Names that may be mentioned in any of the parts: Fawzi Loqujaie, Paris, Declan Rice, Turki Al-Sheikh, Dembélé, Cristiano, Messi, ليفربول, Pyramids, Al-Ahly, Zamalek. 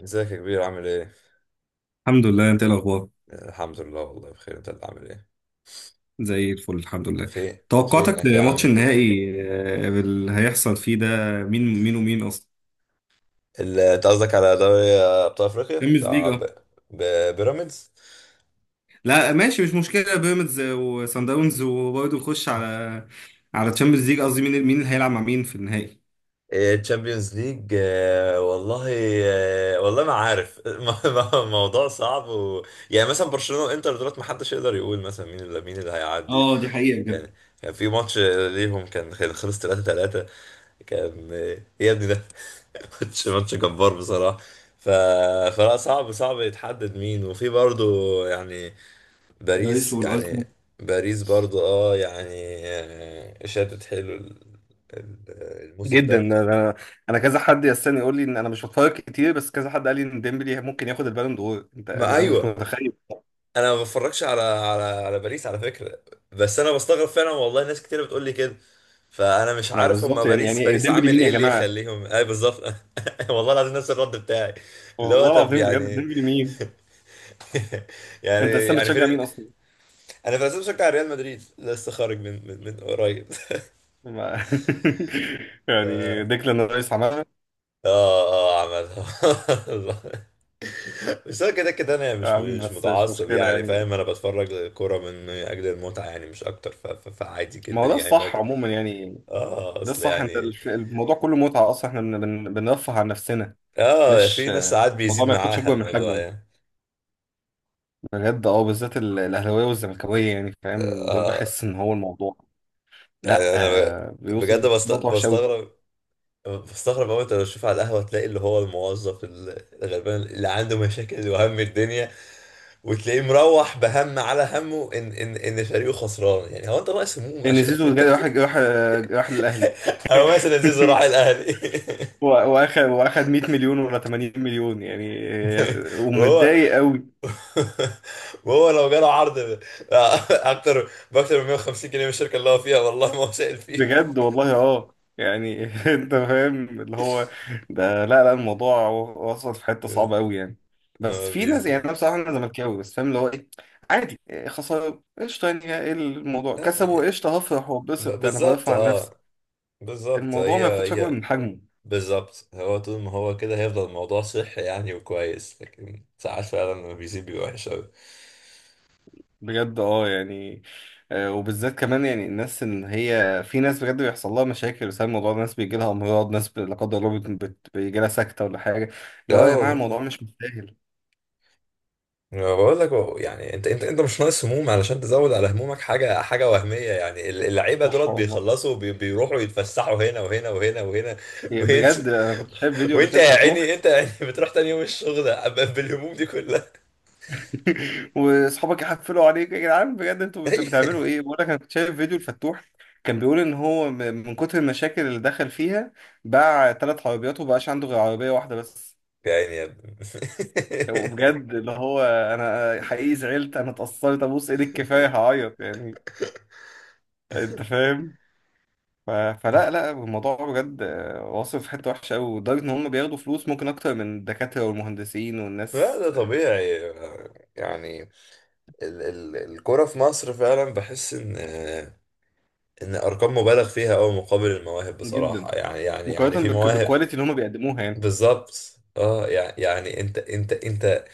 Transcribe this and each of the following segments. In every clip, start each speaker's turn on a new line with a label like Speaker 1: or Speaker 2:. Speaker 1: ازيك يا كبير، عامل ايه؟
Speaker 2: الحمد لله، انت ايه الاخبار؟
Speaker 1: الحمد لله والله بخير، انت اللي عامل ايه؟
Speaker 2: زي الفل، الحمد لله.
Speaker 1: فين.
Speaker 2: توقعاتك
Speaker 1: فينك يا
Speaker 2: لماتش
Speaker 1: عم؟
Speaker 2: النهائي اللي هيحصل فيه ده؟ مين مين ومين اصلا؟
Speaker 1: انت قصدك على دوري ابطال افريقيا
Speaker 2: بيراميدز ليج،
Speaker 1: بتاع
Speaker 2: اه.
Speaker 1: ب... بيراميدز؟
Speaker 2: لا ماشي، مش مشكله. بيراميدز وصن داونز، وبرضه نخش على تشامبيونز ليج، قصدي مين مين اللي هيلعب مع مين في النهائي؟
Speaker 1: إيه، تشامبيونز ليج، والله. والله ما عارف. الموضوع صعب يعني مثلا برشلونة وانتر، دولت ما حدش يقدر يقول مثلا مين اللي هيعدي.
Speaker 2: اه، دي حقيقة بجد.
Speaker 1: كان كان في ماتش ليهم، كان خلص 3-3. كان إيه يا ابني ده! ماتش جبار بصراحة. ف... فلا صعب يتحدد مين، وفي برضو يعني
Speaker 2: باريس
Speaker 1: باريس
Speaker 2: والارسنال.
Speaker 1: يعني. باريس برضو اه يعني. شادت حلو، ال- الموسم
Speaker 2: جدا.
Speaker 1: ده.
Speaker 2: انا كذا حد يستني يقول لي ان انا مش بتفرج كتير، بس كذا حد قال لي ان ديمبلي ممكن ياخد البالون دور، انت
Speaker 1: ما
Speaker 2: انا مش
Speaker 1: ايوه،
Speaker 2: متخيل.
Speaker 1: انا ما بتفرجش على على باريس على فكره. بس انا بستغرب فعلا والله، ناس كتير بتقول لي كده. فانا مش
Speaker 2: ما
Speaker 1: عارف، هما
Speaker 2: بالظبط، يعني
Speaker 1: باريس
Speaker 2: يعني
Speaker 1: باريس
Speaker 2: ديمبلي
Speaker 1: عامل
Speaker 2: مين
Speaker 1: ايه
Speaker 2: يا
Speaker 1: اللي
Speaker 2: جماعه؟
Speaker 1: يخليهم اي بالظبط. والله العظيم، نفس الرد بتاعي. اللي هو
Speaker 2: والله
Speaker 1: طب
Speaker 2: العظيم بجد،
Speaker 1: يعني.
Speaker 2: ديمبلي مين؟
Speaker 1: يعني.
Speaker 2: انت اصلا
Speaker 1: يعني
Speaker 2: بتشجع
Speaker 1: فين.
Speaker 2: مين اصلا؟
Speaker 1: انا في الاساس بشجع ريال مدريد، لسه خارج من قريب.
Speaker 2: ما-
Speaker 1: اه.
Speaker 2: يعني ديكلان رايس عملها.
Speaker 1: اه عملها. بس انا كده كده انا يعني
Speaker 2: يا
Speaker 1: مش
Speaker 2: عم
Speaker 1: مش
Speaker 2: بس مش
Speaker 1: متعصب،
Speaker 2: مشكله
Speaker 1: يعني
Speaker 2: يعني،
Speaker 1: فاهم، انا بتفرج للكوره من اجل المتعه، يعني مش اكتر. فعادي
Speaker 2: ما
Speaker 1: جدا
Speaker 2: هو ده
Speaker 1: يعني.
Speaker 2: الصح عموما يعني.
Speaker 1: اه
Speaker 2: ده
Speaker 1: اصل
Speaker 2: الصح.
Speaker 1: يعني.
Speaker 2: الموضوع كله متعه اصلا، احنا بنرفه عن نفسنا.
Speaker 1: اه،
Speaker 2: مش
Speaker 1: في ناس ساعات
Speaker 2: الموضوع
Speaker 1: بيزيد
Speaker 2: ما ياخدش
Speaker 1: معاها
Speaker 2: اكبر من حجمه
Speaker 1: الموضوع
Speaker 2: يعني.
Speaker 1: يعني.
Speaker 2: بجد اه، بالذات الاهلاويه والزملكاويه يعني فاهم، دول
Speaker 1: اه
Speaker 2: بحس ان هو الموضوع. لا،
Speaker 1: يعني، انا بجد
Speaker 2: بيوصل نقطه وحشه قوي.
Speaker 1: بستغرب. بستغرب قوي. انت لو تشوف على القهوه، تلاقي اللي هو الموظف الغلبان اللي عنده مشاكل وهم الدنيا، وتلاقيه مروح بهم على همه ان فريقه خسران. يعني هو انت ناقص هموم
Speaker 2: ان
Speaker 1: عشان
Speaker 2: زيزو
Speaker 1: انت؟
Speaker 2: جاي، راح للاهلي.
Speaker 1: او مثلا زيزو راح الاهلي.
Speaker 2: هو واخد 100 مليون ولا 80 مليون يعني؟
Speaker 1: وهو.
Speaker 2: ومتضايق قوي.
Speaker 1: وهو لو جاله عرض اكتر باكتر من 150 جنيه من الشركه اللي هو فيها، والله ما هو سائل.
Speaker 2: بجد والله، اه يعني، انت فاهم اللي هو ده. لا لا، الموضوع وصل في حته صعبه قوي يعني. بس في ناس يعني،
Speaker 1: بيزيد.
Speaker 2: انا بصراحه انا زملكاوي بس فاهم اللي هو ايه. عادي خساره قشطه، يعني ايه الموضوع؟
Speaker 1: آه،
Speaker 2: كسبوا
Speaker 1: ي-
Speaker 2: قشطه هفرح واتبسط، انا
Speaker 1: بالظبط
Speaker 2: برفع عن نفسي
Speaker 1: اه. بالظبط،
Speaker 2: الموضوع،
Speaker 1: هي
Speaker 2: ما ياخدش اكبر
Speaker 1: هي.
Speaker 2: من حجمه.
Speaker 1: بالظبط، هو طول ما هو كده هيفضل الموضوع صحي يعني وكويس، لكن ساعات فعلا لما بيزيد بيبقى وحش أوي.
Speaker 2: بجد اه يعني. وبالذات كمان يعني، الناس ان هي، في ناس بجد بيحصل لها مشاكل بسبب الموضوع ده، ناس بيجي لها امراض، ناس لا قدر الله بيجي لها سكته ولا حاجه. اللي
Speaker 1: لا
Speaker 2: هو يا جماعه الموضوع
Speaker 1: والله.
Speaker 2: مش مستاهل.
Speaker 1: أنا بقول لك هو يعني انت انت انت مش ناقص هموم علشان تزود على همومك حاجه وهميه. يعني اللعيبه
Speaker 2: صح
Speaker 1: دولت
Speaker 2: والله.
Speaker 1: بيخلصوا وبي- بيروحوا يتفسحوا هنا وهنا.
Speaker 2: يعني
Speaker 1: وانت.
Speaker 2: بجد انا كنت شايف فيديو قبل
Speaker 1: وانت
Speaker 2: كده
Speaker 1: يا
Speaker 2: الفتوح.
Speaker 1: عيني، انت يعني بتروح تاني يوم الشغل بالهموم دي كلها.
Speaker 2: واصحابك يحفلوا عليك يا جدعان، بجد انتوا بتعملوا ايه؟ بقول لك انا كنت شايف فيديو الفتوح، كان بيقول ان هو من كتر المشاكل اللي دخل فيها، باع ثلاث عربيات ومبقاش عنده غير عربيه واحده بس.
Speaker 1: يا عيني يا ابني.
Speaker 2: وبجد اللي هو انا حقيقي زعلت، انا اتأثرت، ابوس ايدك كفاية هعيط يعني، انت فاهم. ف... فلا لا، الموضوع بجد واصل في حتة وحشة قوي، لدرجة ان هم بياخدوا فلوس ممكن اكتر من الدكاترة والمهندسين
Speaker 1: لا
Speaker 2: والناس.
Speaker 1: ده طبيعي يعني. ال ال الكرة في مصر، فعلا بحس ان ان ارقام مبالغ فيها قوي مقابل المواهب بصراحة،
Speaker 2: جدا.
Speaker 1: يعني، يعني يعني
Speaker 2: مقارنة
Speaker 1: في مواهب.
Speaker 2: بالكواليتي اللي هم بيقدموها يعني.
Speaker 1: بالظبط اه. يعني انت انت انت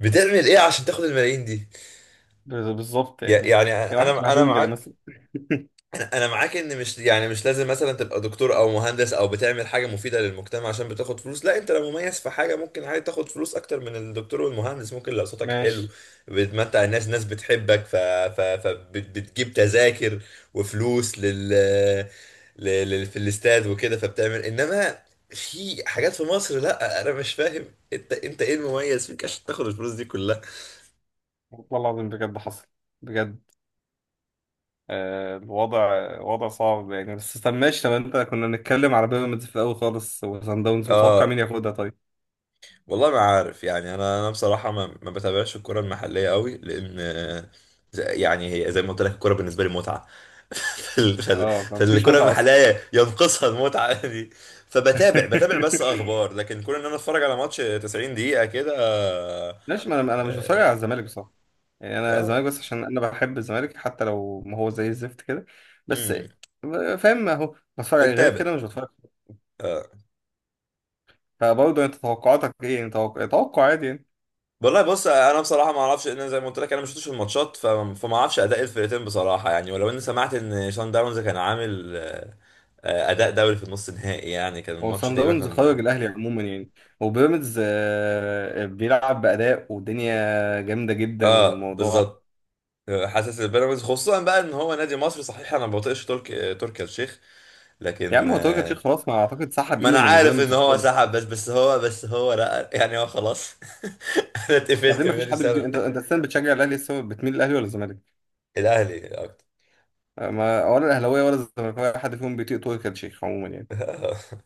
Speaker 1: بتعمل ايه عشان تاخد الملايين دي؟
Speaker 2: بالظبط يعني.
Speaker 1: يع- يعني
Speaker 2: يعني واحد شبه
Speaker 1: انا انا
Speaker 2: دونجا ده
Speaker 1: معاك.
Speaker 2: مثلا.
Speaker 1: انا معاك ان مش يعني مش لازم مثلا تبقى دكتور او مهندس او بتعمل حاجه مفيده للمجتمع عشان بتاخد فلوس، لا، انت لو مميز في حاجه ممكن عادي تاخد فلوس اكتر من الدكتور والمهندس. ممكن لو صوتك حلو
Speaker 2: ماشي.
Speaker 1: بتمتع الناس، ناس بتحبك ف... ف... فبتجيب تذاكر وفلوس في الاستاد وكده، فبتعمل. انما في حاجات في مصر، لا انا مش فاهم، انت انت ايه المميز فيك عشان تاخد الفلوس دي كلها؟
Speaker 2: والله العظيم بجد حصل. بجد الوضع وضع صعب يعني. بس طب ماشي، طب انت كنا بنتكلم على بيراميدز في الاول خالص وصن داونز، متوقع
Speaker 1: اه
Speaker 2: مين ياخدها طيب؟
Speaker 1: والله ما عارف يعني. انا بصراحه ما بتابعش الكره المحليه قوي، لان يعني هي زي ما قلت لك الكره بالنسبه لي متعه.
Speaker 2: اه مفيش
Speaker 1: فالكره
Speaker 2: متعه اصلا.
Speaker 1: المحليه ينقصها المتعه دي. بتابع بس اخبار، لكن كون ان انا اتفرج على ماتش 90 دقيقه كده، اه.
Speaker 2: ماشي، ما انا انا مش بتفرج على الزمالك بصراحه يعني. انا
Speaker 1: آه،
Speaker 2: الزمالك بس عشان انا بحب الزمالك، حتى لو ما هو زي الزفت كده. بس
Speaker 1: امم
Speaker 2: فاهم، اهو بتفرج عليه، غير
Speaker 1: بتابع.
Speaker 2: كده مش بتفرج.
Speaker 1: آه.
Speaker 2: فبرضه انت توقعاتك ايه يعني؟ توقع عادي يعني.
Speaker 1: والله بص، انا بصراحه ما اعرفش. ان زي ما قلت لك، انا ما شفتش الماتشات، فما اعرفش اداء الفرقتين بصراحه يعني. ولو اني سمعت ان شان داونز كان عامل اداء دوري في النص نهائي، يعني كان
Speaker 2: هو
Speaker 1: الماتش
Speaker 2: صن
Speaker 1: تقريبا
Speaker 2: داونز
Speaker 1: كان.
Speaker 2: خرج الاهلي عموما يعني، وبيراميدز بيلعب باداء والدنيا جامده جدا
Speaker 1: اه
Speaker 2: والموضوع.
Speaker 1: بالظبط. حاسس البيراميدز خصوصا بقى ان هو نادي مصري صحيح، انا ما بطيقش ترك تركي آل الشيخ،
Speaker 2: يا
Speaker 1: لكن
Speaker 2: عم هو تركي الشيخ خلاص، ما اعتقد سحب
Speaker 1: ما
Speaker 2: ايده
Speaker 1: انا
Speaker 2: من
Speaker 1: عارف
Speaker 2: بيراميدز
Speaker 1: ان هو
Speaker 2: خالص.
Speaker 1: سحب، بس هو لا، يعني هو خلاص. انا
Speaker 2: بعدين
Speaker 1: اتقفلت
Speaker 2: ما
Speaker 1: من
Speaker 2: فيش
Speaker 1: نادي
Speaker 2: حد
Speaker 1: بسبب.
Speaker 2: انت انت السنه بتشجع الاهلي لسه، بتميل الاهلي ولا الزمالك؟
Speaker 1: الاهلي اكتر.
Speaker 2: ما ولا الاهلاويه ولا الزملكاويه حد فيهم بيطيق تركي آل الشيخ عموما يعني.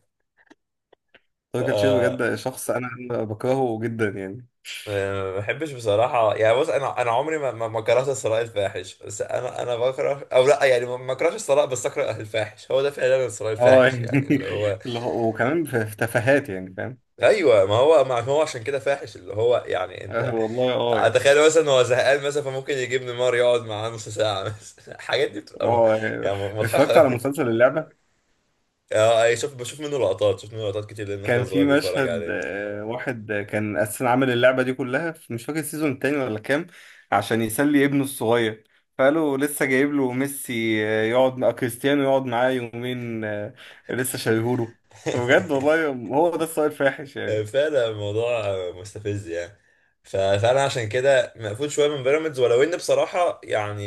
Speaker 2: تركي آل الشيخ
Speaker 1: آه،
Speaker 2: بجد شخص أنا بكرهه جدا يعني.
Speaker 1: ما بحبش بصراحة يعني. بص أنا عمري ما كرهت الثراء الفاحش. بس أنا بكره، أو لا يعني ما كرهتش الثراء، بس أكره الفاحش. هو ده فعلا الثراء
Speaker 2: اه
Speaker 1: الفاحش،
Speaker 2: يعني
Speaker 1: يعني اللي هو.
Speaker 2: وكمان في في تفاهات يعني فاهم.
Speaker 1: ايوه، ما هو ما هو عشان كده فاحش. اللي هو يعني انت
Speaker 2: آه والله اه يعني.
Speaker 1: تخيل مثلا هو زهقان مثلا، فممكن يجيب نيمار يقعد معاه نص ساعه مثلا. الحاجات دي بتبقى
Speaker 2: اه يعني.
Speaker 1: يعني مضحكه
Speaker 2: اتفرجت على
Speaker 1: قوي.
Speaker 2: مسلسل اللعبه،
Speaker 1: اه أي شوف، بشوف منه لقطات، شوف منه لقطات كتير لان اخويا
Speaker 2: كان في
Speaker 1: الصغير بيتفرج
Speaker 2: مشهد
Speaker 1: عليه.
Speaker 2: واحد، كان اساسا عامل اللعبه دي كلها، في مش فاكر السيزون التاني ولا كام، عشان يسلي ابنه الصغير، فقالوا لسه جايب له ميسي يقعد مع كريستيانو يقعد معاه يومين، لسه شايهوله، بجد والله. هو ده السؤال الفاحش يعني.
Speaker 1: فعلا الموضوع مستفز يعني. فانا عشان كده مقفول شويه من بيراميدز، ولو ان بصراحه يعني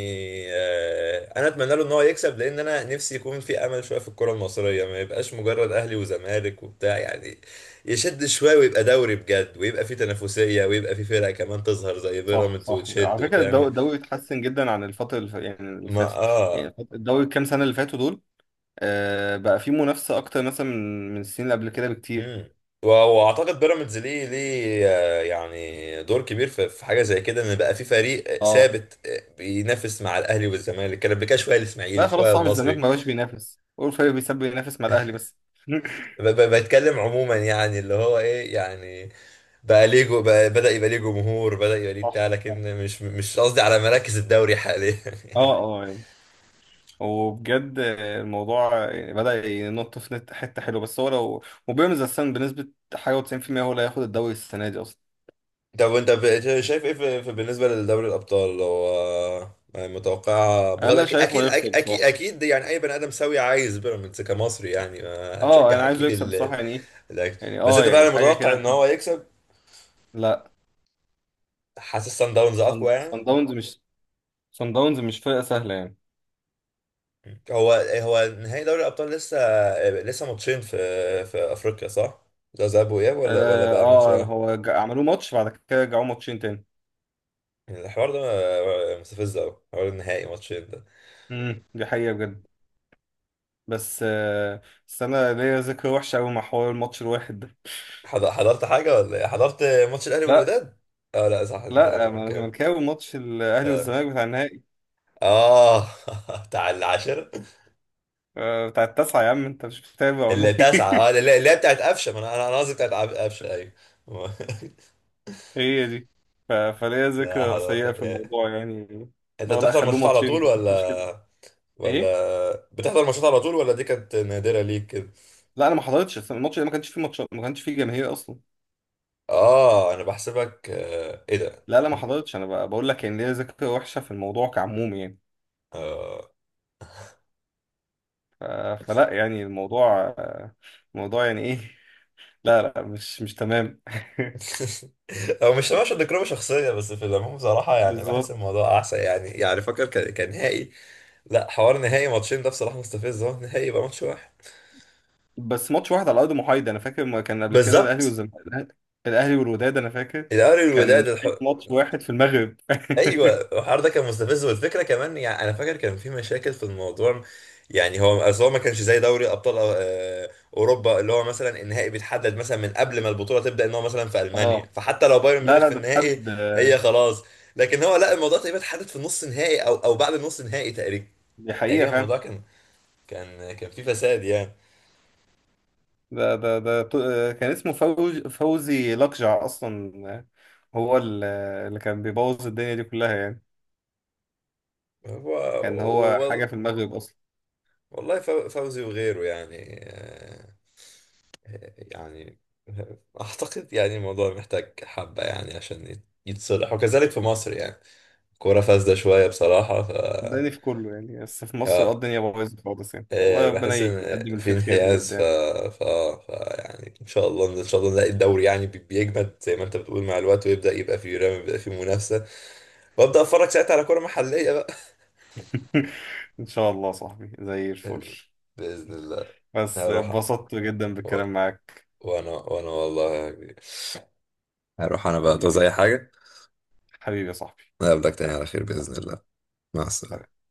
Speaker 1: انا اتمنى له ان هو يكسب، لان انا نفسي يكون في امل شويه في الكره المصريه، ما يبقاش مجرد اهلي وزمالك وبتاع. يعني يشد شويه ويبقى دوري بجد، ويبقى في تنافسيه، ويبقى في فرق كمان تظهر زي
Speaker 2: صح
Speaker 1: بيراميدز
Speaker 2: صح،
Speaker 1: وتشد
Speaker 2: على فكره
Speaker 1: وتعمل.
Speaker 2: الدوري اتحسن جدا عن يعني اللي
Speaker 1: ما
Speaker 2: فاتت.
Speaker 1: اه.
Speaker 2: يعني الدوري الكام سنه اللي فاتوا دول، بقى فيه منافسه اكتر مثلا من من السنين اللي قبل كده بكتير.
Speaker 1: امم. واعتقد بيراميدز ليه يعني دور كبير في في حاجه زي كده، ان بقى في فريق
Speaker 2: اه
Speaker 1: ثابت بينافس مع الاهلي والزمالك. كان قبل كده شويه الاسماعيلي
Speaker 2: لا خلاص،
Speaker 1: شويه
Speaker 2: صاحب الزمالك
Speaker 1: المصري.
Speaker 2: ما بقاش بينافس، هو الفريق بيساب، ينافس مع الاهلي بس.
Speaker 1: بتكلم عموما يعني، اللي هو ايه يعني، بقى ليه جو، بقى بدا يبقى ليه جمهور، بدا يبقى ليه
Speaker 2: صح
Speaker 1: بتاع، لكن مش مش قصدي على مراكز الدوري حاليا.
Speaker 2: اه اه يعني. وبجد الموضوع بدأ ينط في حتة حلوة، بس هو لو. وبيراميدز أساسا بنسبة حاجة و90% هو اللي هياخد الدوري السنة دي أصلا.
Speaker 1: طب وانت شايف ايه بالنسبه لدوري الابطال؟ هو يعني متوقع بغض.
Speaker 2: أنا
Speaker 1: اكيد
Speaker 2: شايفه
Speaker 1: اكيد
Speaker 2: هيكسب
Speaker 1: اكيد
Speaker 2: بصراحة.
Speaker 1: اكيد يعني اي بني ادم سوي عايز بيراميدز كمصري. يعني ما
Speaker 2: اه
Speaker 1: هتشجع
Speaker 2: أنا عايزه
Speaker 1: اكيد
Speaker 2: يكسب بصراحة يعني، إيه
Speaker 1: ال-
Speaker 2: يعني،
Speaker 1: بس
Speaker 2: اه
Speaker 1: انت
Speaker 2: يعني
Speaker 1: فعلا
Speaker 2: حاجة
Speaker 1: متوقع
Speaker 2: كده
Speaker 1: ان هو يكسب؟
Speaker 2: لا.
Speaker 1: حاسس سان داونز
Speaker 2: صن
Speaker 1: اقوى يعني؟
Speaker 2: صن داونز مش صن داونز مش فرقة سهلة يعني.
Speaker 1: هو هو نهائي دوري الابطال لسه. لسه ماتشين في في افريقيا صح؟ ده ذهاب واياب ولا
Speaker 2: اه
Speaker 1: بقى ماتش واحد؟
Speaker 2: هو عملوه ماتش، بعد كده رجعوه ماتشين تاني.
Speaker 1: يعني الحوار ده مستفز قوي، حوار النهائي ماتشين ده.
Speaker 2: دي حقيقة بجد. بس آه، بس انا ليا ذكرى وحشه قوي مع حوار الماتش الواحد ده.
Speaker 1: حضرت حاجة ولا ايه؟ حضرت ماتش الأهلي
Speaker 2: لا
Speaker 1: والوداد؟ اه لا صح، انت
Speaker 2: لا، ما انا
Speaker 1: زملكاوي.
Speaker 2: زملكاوي، ماتش الاهلي
Speaker 1: اه.
Speaker 2: والزمالك بتاع النهائي،
Speaker 1: اه. بتاع العاشرة.
Speaker 2: بتاع التاسعه، يا عم انت مش بتتابع
Speaker 1: اللي
Speaker 2: ولا
Speaker 1: تسعة، اه
Speaker 2: ايه؟
Speaker 1: اللي اللي هي بتاعت قفشة. ما انا انا أنا قصدي بتاعت قفشة، ايوه.
Speaker 2: هي دي. فليا
Speaker 1: لا
Speaker 2: ذكرى
Speaker 1: حضرت
Speaker 2: سيئه في
Speaker 1: يا.
Speaker 2: الموضوع يعني.
Speaker 1: انت
Speaker 2: لا لا
Speaker 1: بتحضر
Speaker 2: خلوه
Speaker 1: ماتشات على طول،
Speaker 2: ماتشين مش كده.
Speaker 1: ولا
Speaker 2: ايه.
Speaker 1: ولا بتحضر ماتشات على طول، ولا دي كانت نادرة ليك كده؟
Speaker 2: لا انا ما حضرتش الماتش ده، ما كانش فيه ماتش، ما كانش فيه جماهير اصلا.
Speaker 1: اه انا بحسبك. ايه ده؟
Speaker 2: لا لا، ما حضرتش. انا بقول لك ان ليا ذكرى وحشه في الموضوع كعموم يعني.
Speaker 1: اه.
Speaker 2: ف- فلا يعني، الموضوع الموضوع يعني ايه، لا لا مش مش تمام.
Speaker 1: هو مش مش ذكرى شخصية، بس في العموم بصراحة يعني بحس
Speaker 2: بالظبط.
Speaker 1: الموضوع أحسن. يعني يعني فاكر كان كان نهائي. لا، حوار نهائي ماتشين ده بصراحة مستفز، اهو نهائي يبقى ماتش واحد.
Speaker 2: بس ماتش واحد على ارض محايده، انا فاكر ما كان قبل كده الاهلي
Speaker 1: بالظبط.
Speaker 2: والزمالك. الاهلي والوداد انا فاكر
Speaker 1: الأهلي
Speaker 2: كان
Speaker 1: والوداد
Speaker 2: ماتش واحد في المغرب.
Speaker 1: ايوه الحوار ده كان مستفز. والفكرة كمان، يعني انا فاكر كان في مشاكل في الموضوع. يعني هو اصل هو ما كانش زي دوري ابطال اوروبا، اللي هو مثلا النهائي بيتحدد مثلا من قبل ما البطولة تبدأ، ان هو مثلا في ألمانيا،
Speaker 2: اه
Speaker 1: فحتى لو بايرن
Speaker 2: لا
Speaker 1: ميونخ
Speaker 2: لا،
Speaker 1: في
Speaker 2: ده
Speaker 1: النهائي
Speaker 2: اتحدد،
Speaker 1: هي خلاص. لكن هو لا، الموضوع تقريبا اتحدد في النص نهائي او بعد النص نهائي تقريبا.
Speaker 2: دي حقيقه
Speaker 1: تقريبا
Speaker 2: فاهم.
Speaker 1: الموضوع كان كان فيه فساد يعني.
Speaker 2: ده ده ده ط- آه، كان اسمه فوزي لقجع اصلا، آه، هو ال- آه، اللي كان بيبوظ الدنيا دي كلها يعني، كان هو حاجه
Speaker 1: هو
Speaker 2: في المغرب اصلا.
Speaker 1: والله فوزي وغيره يعني. يعني اعتقد يعني الموضوع محتاج حبة يعني عشان يتصلح، وكذلك في مصر يعني، كورة فاسدة شوية بصراحة. ف.
Speaker 2: صدقني في كله يعني، بس في مصر اه
Speaker 1: آه،
Speaker 2: الدنيا بايظه خالص يعني، والله ربنا
Speaker 1: بحس ان
Speaker 2: يقدم اللي
Speaker 1: في
Speaker 2: فيه الخير خير
Speaker 1: انحياز.
Speaker 2: بجد
Speaker 1: ف...
Speaker 2: يعني.
Speaker 1: ف... ف يعني ان شاء الله نلاقي الدوري يعني بيجمد زي ما انت بتقول مع الوقت، ويبدأ يبقى فيه رمي، يبقى فيه منافسة، وابدأ اتفرج ساعتها على كورة محلية بقى.
Speaker 2: ان شاء الله يا صاحبي زي الفل.
Speaker 1: بإذن الله.
Speaker 2: بس
Speaker 1: هروح
Speaker 2: اتبسطت جدا
Speaker 1: و...
Speaker 2: بالكلام معاك.
Speaker 1: وانا والله يا كبير. هروح انا بقى، تعوز
Speaker 2: حبيبي،
Speaker 1: اي حاجة؟
Speaker 2: حبيبي يا صاحبي،
Speaker 1: نقابلك تاني
Speaker 2: يلا،
Speaker 1: على خير بإذن الله. مع السلامة.
Speaker 2: سلام.